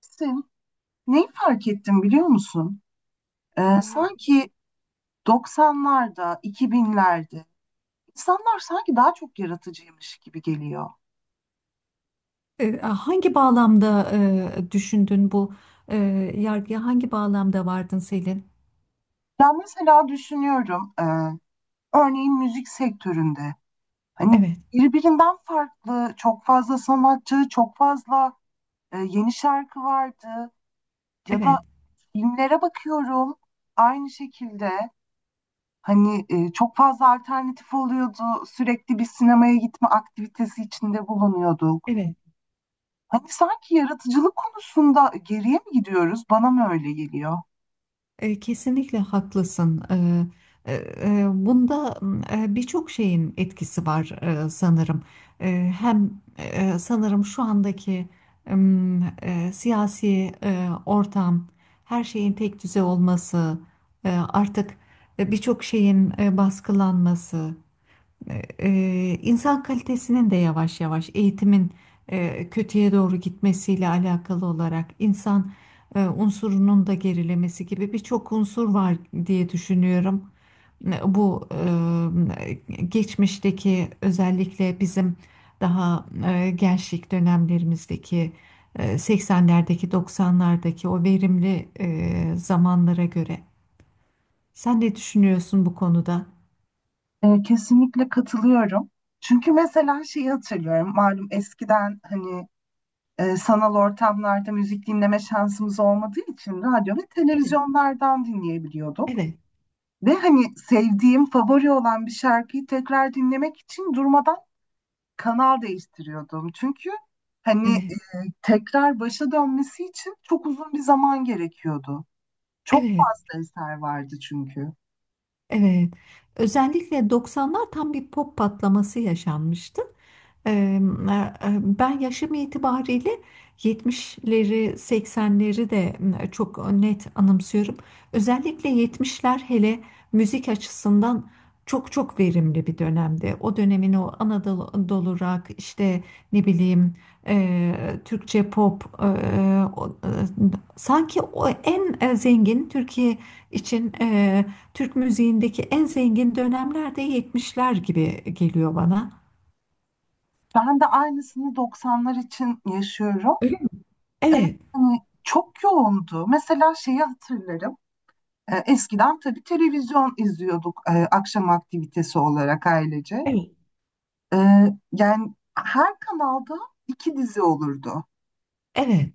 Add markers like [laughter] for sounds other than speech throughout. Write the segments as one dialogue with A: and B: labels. A: Sen neyi fark ettim biliyor musun?
B: Ee,
A: Sanki 90'larda, 2000'lerde insanlar sanki daha çok yaratıcıymış gibi geliyor.
B: Hangi bağlamda düşündün bu e, yargıya hangi bağlamda vardın Selin?
A: Ya mesela düşünüyorum, örneğin müzik sektöründe hani
B: Evet,
A: birbirinden farklı çok fazla sanatçı, çok fazla yeni şarkı vardı. Ya
B: evet,
A: da filmlere bakıyorum aynı şekilde hani çok fazla alternatif oluyordu. Sürekli bir sinemaya gitme aktivitesi içinde bulunuyorduk.
B: evet.
A: Hani sanki yaratıcılık konusunda geriye mi gidiyoruz? Bana mı öyle geliyor?
B: Kesinlikle haklısın. E, e, Bunda birçok şeyin etkisi var, sanırım. Hem sanırım şu andaki siyasi ortam, her şeyin tek düze olması, artık birçok şeyin baskılanması. İnsan kalitesinin de yavaş yavaş eğitimin kötüye doğru gitmesiyle alakalı olarak insan unsurunun da gerilemesi gibi birçok unsur var diye düşünüyorum. Bu geçmişteki özellikle bizim daha gençlik dönemlerimizdeki 80'lerdeki 90'lardaki o verimli zamanlara göre. Sen ne düşünüyorsun bu konuda?
A: Kesinlikle katılıyorum. Çünkü mesela şeyi hatırlıyorum. Malum eskiden hani sanal ortamlarda müzik dinleme şansımız olmadığı için radyo ve
B: Evet.
A: televizyonlardan dinleyebiliyorduk.
B: Evet,
A: Ve hani sevdiğim, favori olan bir şarkıyı tekrar dinlemek için durmadan kanal değiştiriyordum. Çünkü hani
B: evet,
A: tekrar başa dönmesi için çok uzun bir zaman gerekiyordu. Çok
B: evet.
A: fazla eser vardı çünkü.
B: Evet. Özellikle 90'lar tam bir pop patlaması yaşanmıştı. Ee, e, Ben yaşım itibariyle 70'leri, 80'leri de çok net anımsıyorum. Özellikle 70'ler hele müzik açısından çok çok verimli bir dönemdi. O dönemin o Anadolu Anadolu rock işte ne bileyim, Türkçe pop, sanki o en zengin Türkiye için, Türk müziğindeki en zengin dönemlerde yetmişler gibi geliyor bana.
A: Ben de aynısını 90'lar için yaşıyorum.
B: Öyle mi?
A: Evet,
B: Evet,
A: hani çok yoğundu. Mesela şeyi hatırlarım. Eskiden tabii televizyon izliyorduk akşam aktivitesi olarak ailece.
B: evet,
A: E, Yani her kanalda iki dizi olurdu.
B: evet,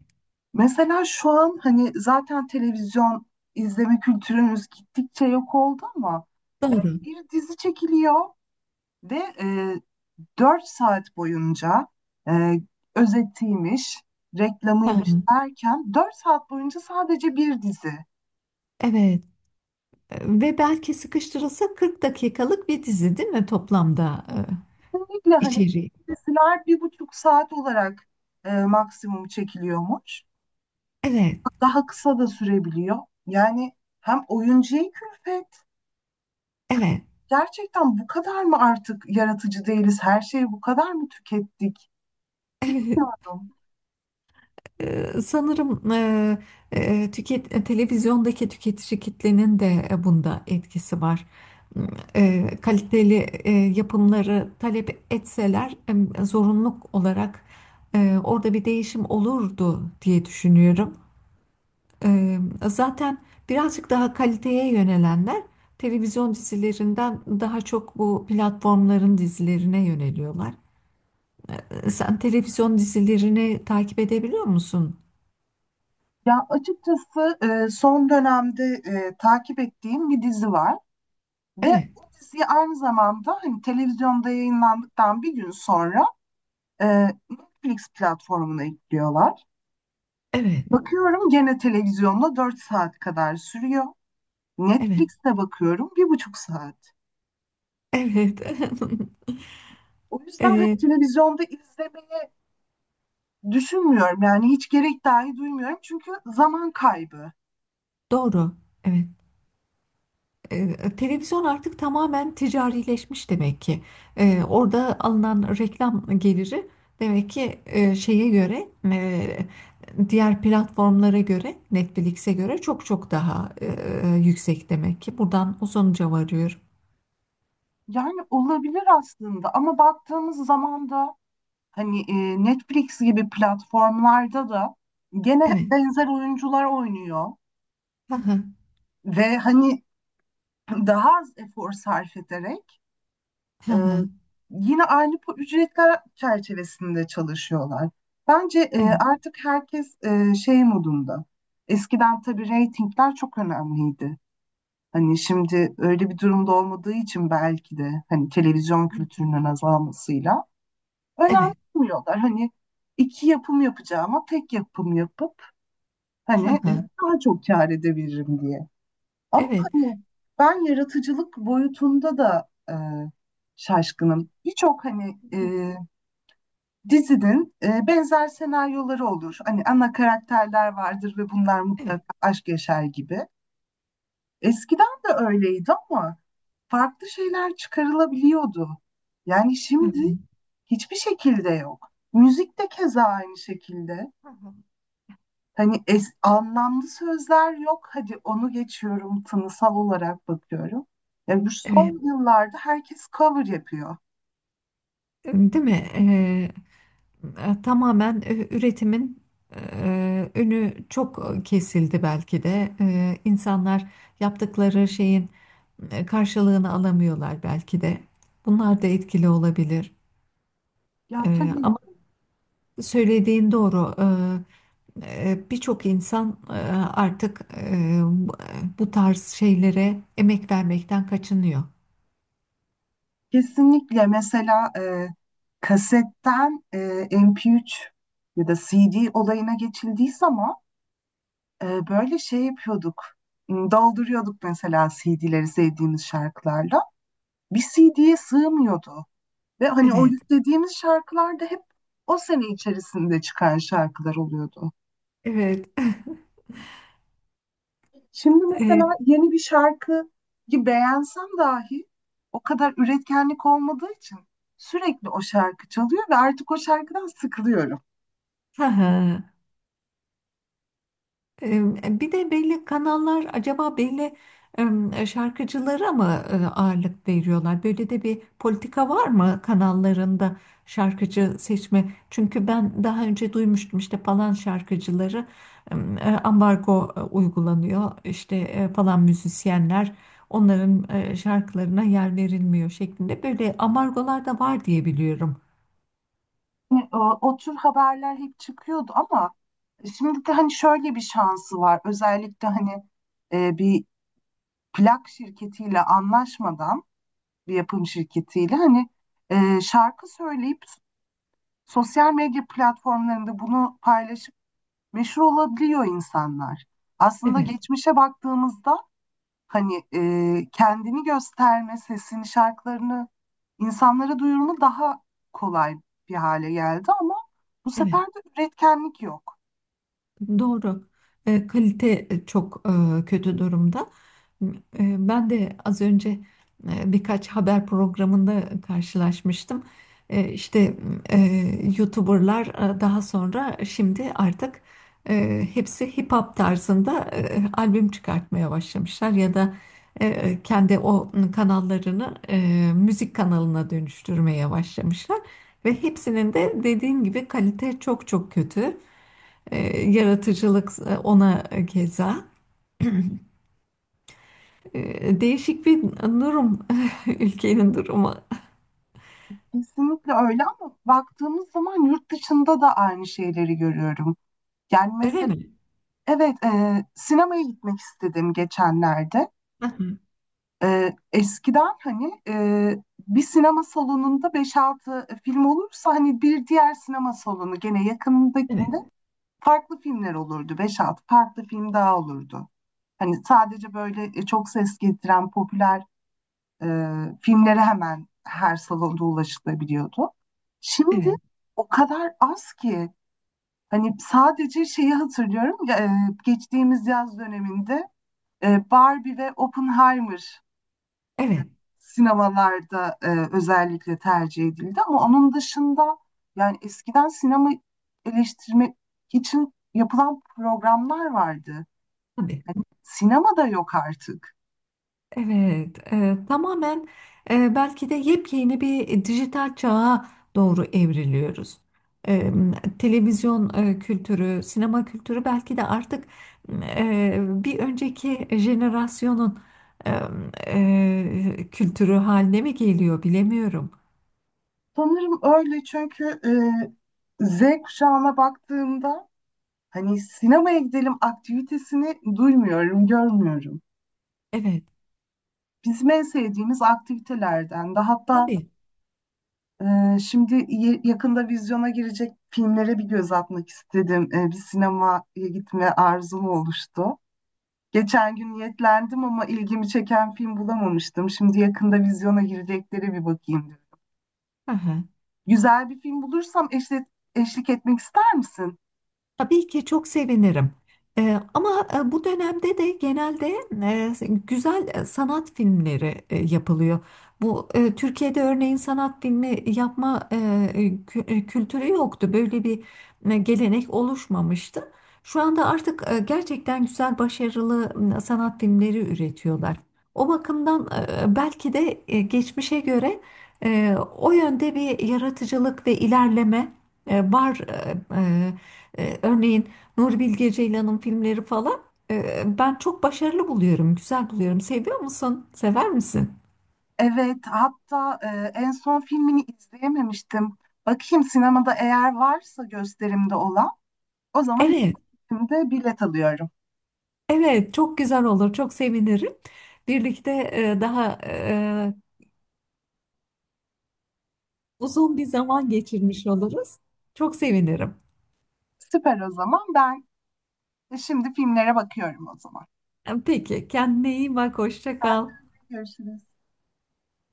A: Mesela şu an hani zaten televizyon izleme kültürümüz gittikçe yok oldu ama
B: doğru.
A: bir dizi çekiliyor ve 4 saat boyunca e, özetiymiş,
B: Hı
A: reklamıymış
B: hı.
A: derken 4 saat boyunca sadece bir dizi.
B: Evet. Ve belki sıkıştırılsa 40 dakikalık bir dizi değil mi toplamda,
A: Kesinlikle hani
B: içeriği?
A: diziler bir buçuk saat olarak maksimum çekiliyormuş.
B: Evet,
A: Daha kısa da sürebiliyor. Yani hem oyuncuya külfet.
B: evet,
A: Gerçekten bu kadar mı artık yaratıcı değiliz? Her şeyi bu kadar mı tükettik?
B: evet.
A: Bilmiyorum.
B: Sanırım televizyondaki tüketici kitlenin de bunda etkisi var. M, Kaliteli yapımları talep etseler zorunluluk olarak orada bir değişim olurdu diye düşünüyorum. E, Zaten birazcık daha kaliteye yönelenler televizyon dizilerinden daha çok bu platformların dizilerine yöneliyorlar. Sen televizyon dizilerini takip edebiliyor musun?
A: Ya açıkçası son dönemde takip ettiğim bir dizi var ve
B: Evet,
A: o diziyi aynı zamanda hani televizyonda yayınlandıktan bir gün sonra e, Netflix platformuna ekliyorlar.
B: evet.
A: Bakıyorum gene televizyonda 4 saat kadar sürüyor.
B: Evet,
A: Netflix'te bakıyorum bir buçuk saat.
B: evet. [laughs]
A: O yüzden hani
B: Eee,
A: televizyonda izlemeye düşünmüyorum, yani hiç gerek dahi duymuyorum çünkü zaman kaybı.
B: doğru. Evet. Televizyon artık tamamen ticarileşmiş demek ki. Orada alınan reklam geliri demek ki şeye göre, diğer platformlara göre, Netflix'e göre çok çok daha yüksek demek ki. Buradan o sonuca varıyorum.
A: Yani olabilir aslında ama baktığımız zaman da hani Netflix gibi platformlarda da gene
B: Evet.
A: benzer oyuncular oynuyor
B: Hı hı.
A: ve hani daha az efor sarf ederek
B: Hı
A: e,
B: hı.
A: yine aynı bu ücretler çerçevesinde çalışıyorlar. Bence
B: Evet.
A: artık herkes şey modunda. Eskiden tabii reytingler çok önemliydi. Hani şimdi öyle bir durumda olmadığı için belki de hani televizyon kültürünün azalmasıyla
B: Evet.
A: önemsemiyorlar. Hani iki yapım yapacağıma tek yapım yapıp
B: Hı
A: hani
B: hı.
A: daha çok kâr edebilirim diye. Ama
B: Evet.
A: hani ben yaratıcılık boyutunda da şaşkınım. Birçok hani dizinin benzer senaryoları olur. Hani ana karakterler vardır ve bunlar
B: Evet.
A: mutlaka aşk yaşar gibi. Eskiden de öyleydi ama farklı şeyler çıkarılabiliyordu. Yani
B: Hı
A: şimdi
B: hı.
A: hiçbir şekilde yok. Müzik de keza aynı şekilde.
B: Hı hı.
A: Hani anlamlı sözler yok. Hadi onu geçiyorum, tınısal olarak bakıyorum. Yani bu
B: Evet.
A: son yıllarda herkes cover yapıyor.
B: Değil mi? Tamamen üretimin önü çok kesildi belki de. İnsanlar yaptıkları şeyin karşılığını alamıyorlar belki de. Bunlar da etkili olabilir.
A: Ya tabii
B: Ama
A: ki,
B: söylediğin doğru. Birçok insan artık bu bu tarz şeylere emek vermekten kaçınıyor.
A: kesinlikle mesela kasetten MP3 ya da CD olayına geçildiği zaman böyle şey yapıyorduk. Dolduruyorduk mesela CD'leri sevdiğimiz şarkılarla. Bir CD'ye sığmıyordu. Ve hani o
B: Evet,
A: yüklediğimiz şarkılar da hep o sene içerisinde çıkan şarkılar oluyordu.
B: evet.
A: Şimdi mesela
B: [laughs] E,
A: yeni bir şarkıyı beğensem dahi o kadar üretkenlik olmadığı için sürekli o şarkı çalıyor ve artık o şarkıdan sıkılıyorum.
B: [laughs] Bir de belli kanallar acaba belli şarkıcılara mı ağırlık veriyorlar? Böyle de bir politika var mı kanallarında şarkıcı seçme? Çünkü ben daha önce duymuştum işte falan şarkıcıları e, ambargo uygulanıyor. İşte falan müzisyenler onların şarkılarına yer verilmiyor şeklinde. Böyle ambargolar da var diye biliyorum.
A: Yani o, o tür haberler hep çıkıyordu ama şimdi de hani şöyle bir şansı var. Özellikle hani bir plak şirketiyle anlaşmadan bir yapım şirketiyle hani şarkı söyleyip sosyal medya platformlarında bunu paylaşıp meşhur olabiliyor insanlar. Aslında
B: Evet,
A: geçmişe baktığımızda hani kendini gösterme, sesini, şarkılarını insanlara duyurma daha kolay bir hale geldi ama bu
B: evet.
A: sefer de üretkenlik yok.
B: Doğru. Kalite çok kötü durumda. Ben de az önce birkaç haber programında karşılaşmıştım. İşte e, YouTuber'lar daha sonra şimdi artık hepsi hip hop tarzında albüm çıkartmaya başlamışlar ya da kendi o kanallarını müzik kanalına dönüştürmeye başlamışlar ve hepsinin de dediğin gibi kalite çok çok kötü. E, Yaratıcılık, ona keza. Değişik bir durum, [laughs] ülkenin durumu.
A: Kesinlikle öyle ama baktığımız zaman yurt dışında da aynı şeyleri görüyorum. Yani
B: Öyle
A: mesela
B: mi?
A: evet, sinemaya gitmek istedim geçenlerde.
B: Hı hı.
A: Eskiden hani bir sinema salonunda beş altı film olursa hani bir diğer sinema salonu gene
B: Evet,
A: yakınındakinde farklı filmler olurdu. Beş altı farklı film daha olurdu. Hani sadece böyle çok ses getiren popüler e, filmlere hemen her salonda ulaşılabiliyordu. Şimdi
B: evet,
A: o kadar az ki hani sadece şeyi hatırlıyorum. Geçtiğimiz yaz döneminde Barbie ve Oppenheimer
B: evet,
A: sinemalarda özellikle tercih edildi ama onun dışında yani eskiden sinema eleştirmek için yapılan programlar vardı.
B: tabii.
A: Sinema da yok artık.
B: Evet, tamamen belki de yepyeni bir dijital çağa doğru evriliyoruz. E, Televizyon kültürü, sinema kültürü belki de artık e, bir önceki jenerasyonun e, kültürü haline mi geliyor bilemiyorum.
A: Sanırım öyle çünkü Z kuşağına baktığımda hani sinemaya gidelim aktivitesini duymuyorum, görmüyorum.
B: Evet,
A: Bizim en sevdiğimiz aktivitelerden de hatta.
B: tabii.
A: Şimdi yakında vizyona girecek filmlere bir göz atmak istedim. Bir sinemaya gitme arzum oluştu. Geçen gün niyetlendim ama ilgimi çeken film bulamamıştım. Şimdi yakında vizyona girecekleri bir bakayım diyorum.
B: Aha.
A: Güzel bir film bulursam eşlik etmek ister misin?
B: Tabii ki çok sevinirim. Ama bu dönemde de genelde güzel sanat filmleri yapılıyor. Bu, Türkiye'de örneğin sanat filmi yapma kültürü yoktu. Böyle bir gelenek oluşmamıştı. Şu anda artık gerçekten güzel, başarılı sanat filmleri üretiyorlar. O bakımdan belki de geçmişe göre o yönde bir yaratıcılık ve ilerleme var. Örneğin Nuri Bilge Ceylan'ın filmleri falan, ben çok başarılı buluyorum, güzel buluyorum. Seviyor musun? Sever misin?
A: Evet, hatta en son filmini izleyememiştim. Bakayım sinemada eğer varsa gösterimde olan, o zaman
B: Evet,
A: ikinci filmde bilet alıyorum.
B: evet, çok güzel olur, çok sevinirim. Birlikte daha uzun bir zaman geçirmiş oluruz. Çok sevinirim.
A: Süper, o zaman ben şimdi filmlere bakıyorum o zaman.
B: Peki, kendine iyi bak, hoşça kal.
A: Görüşürüz.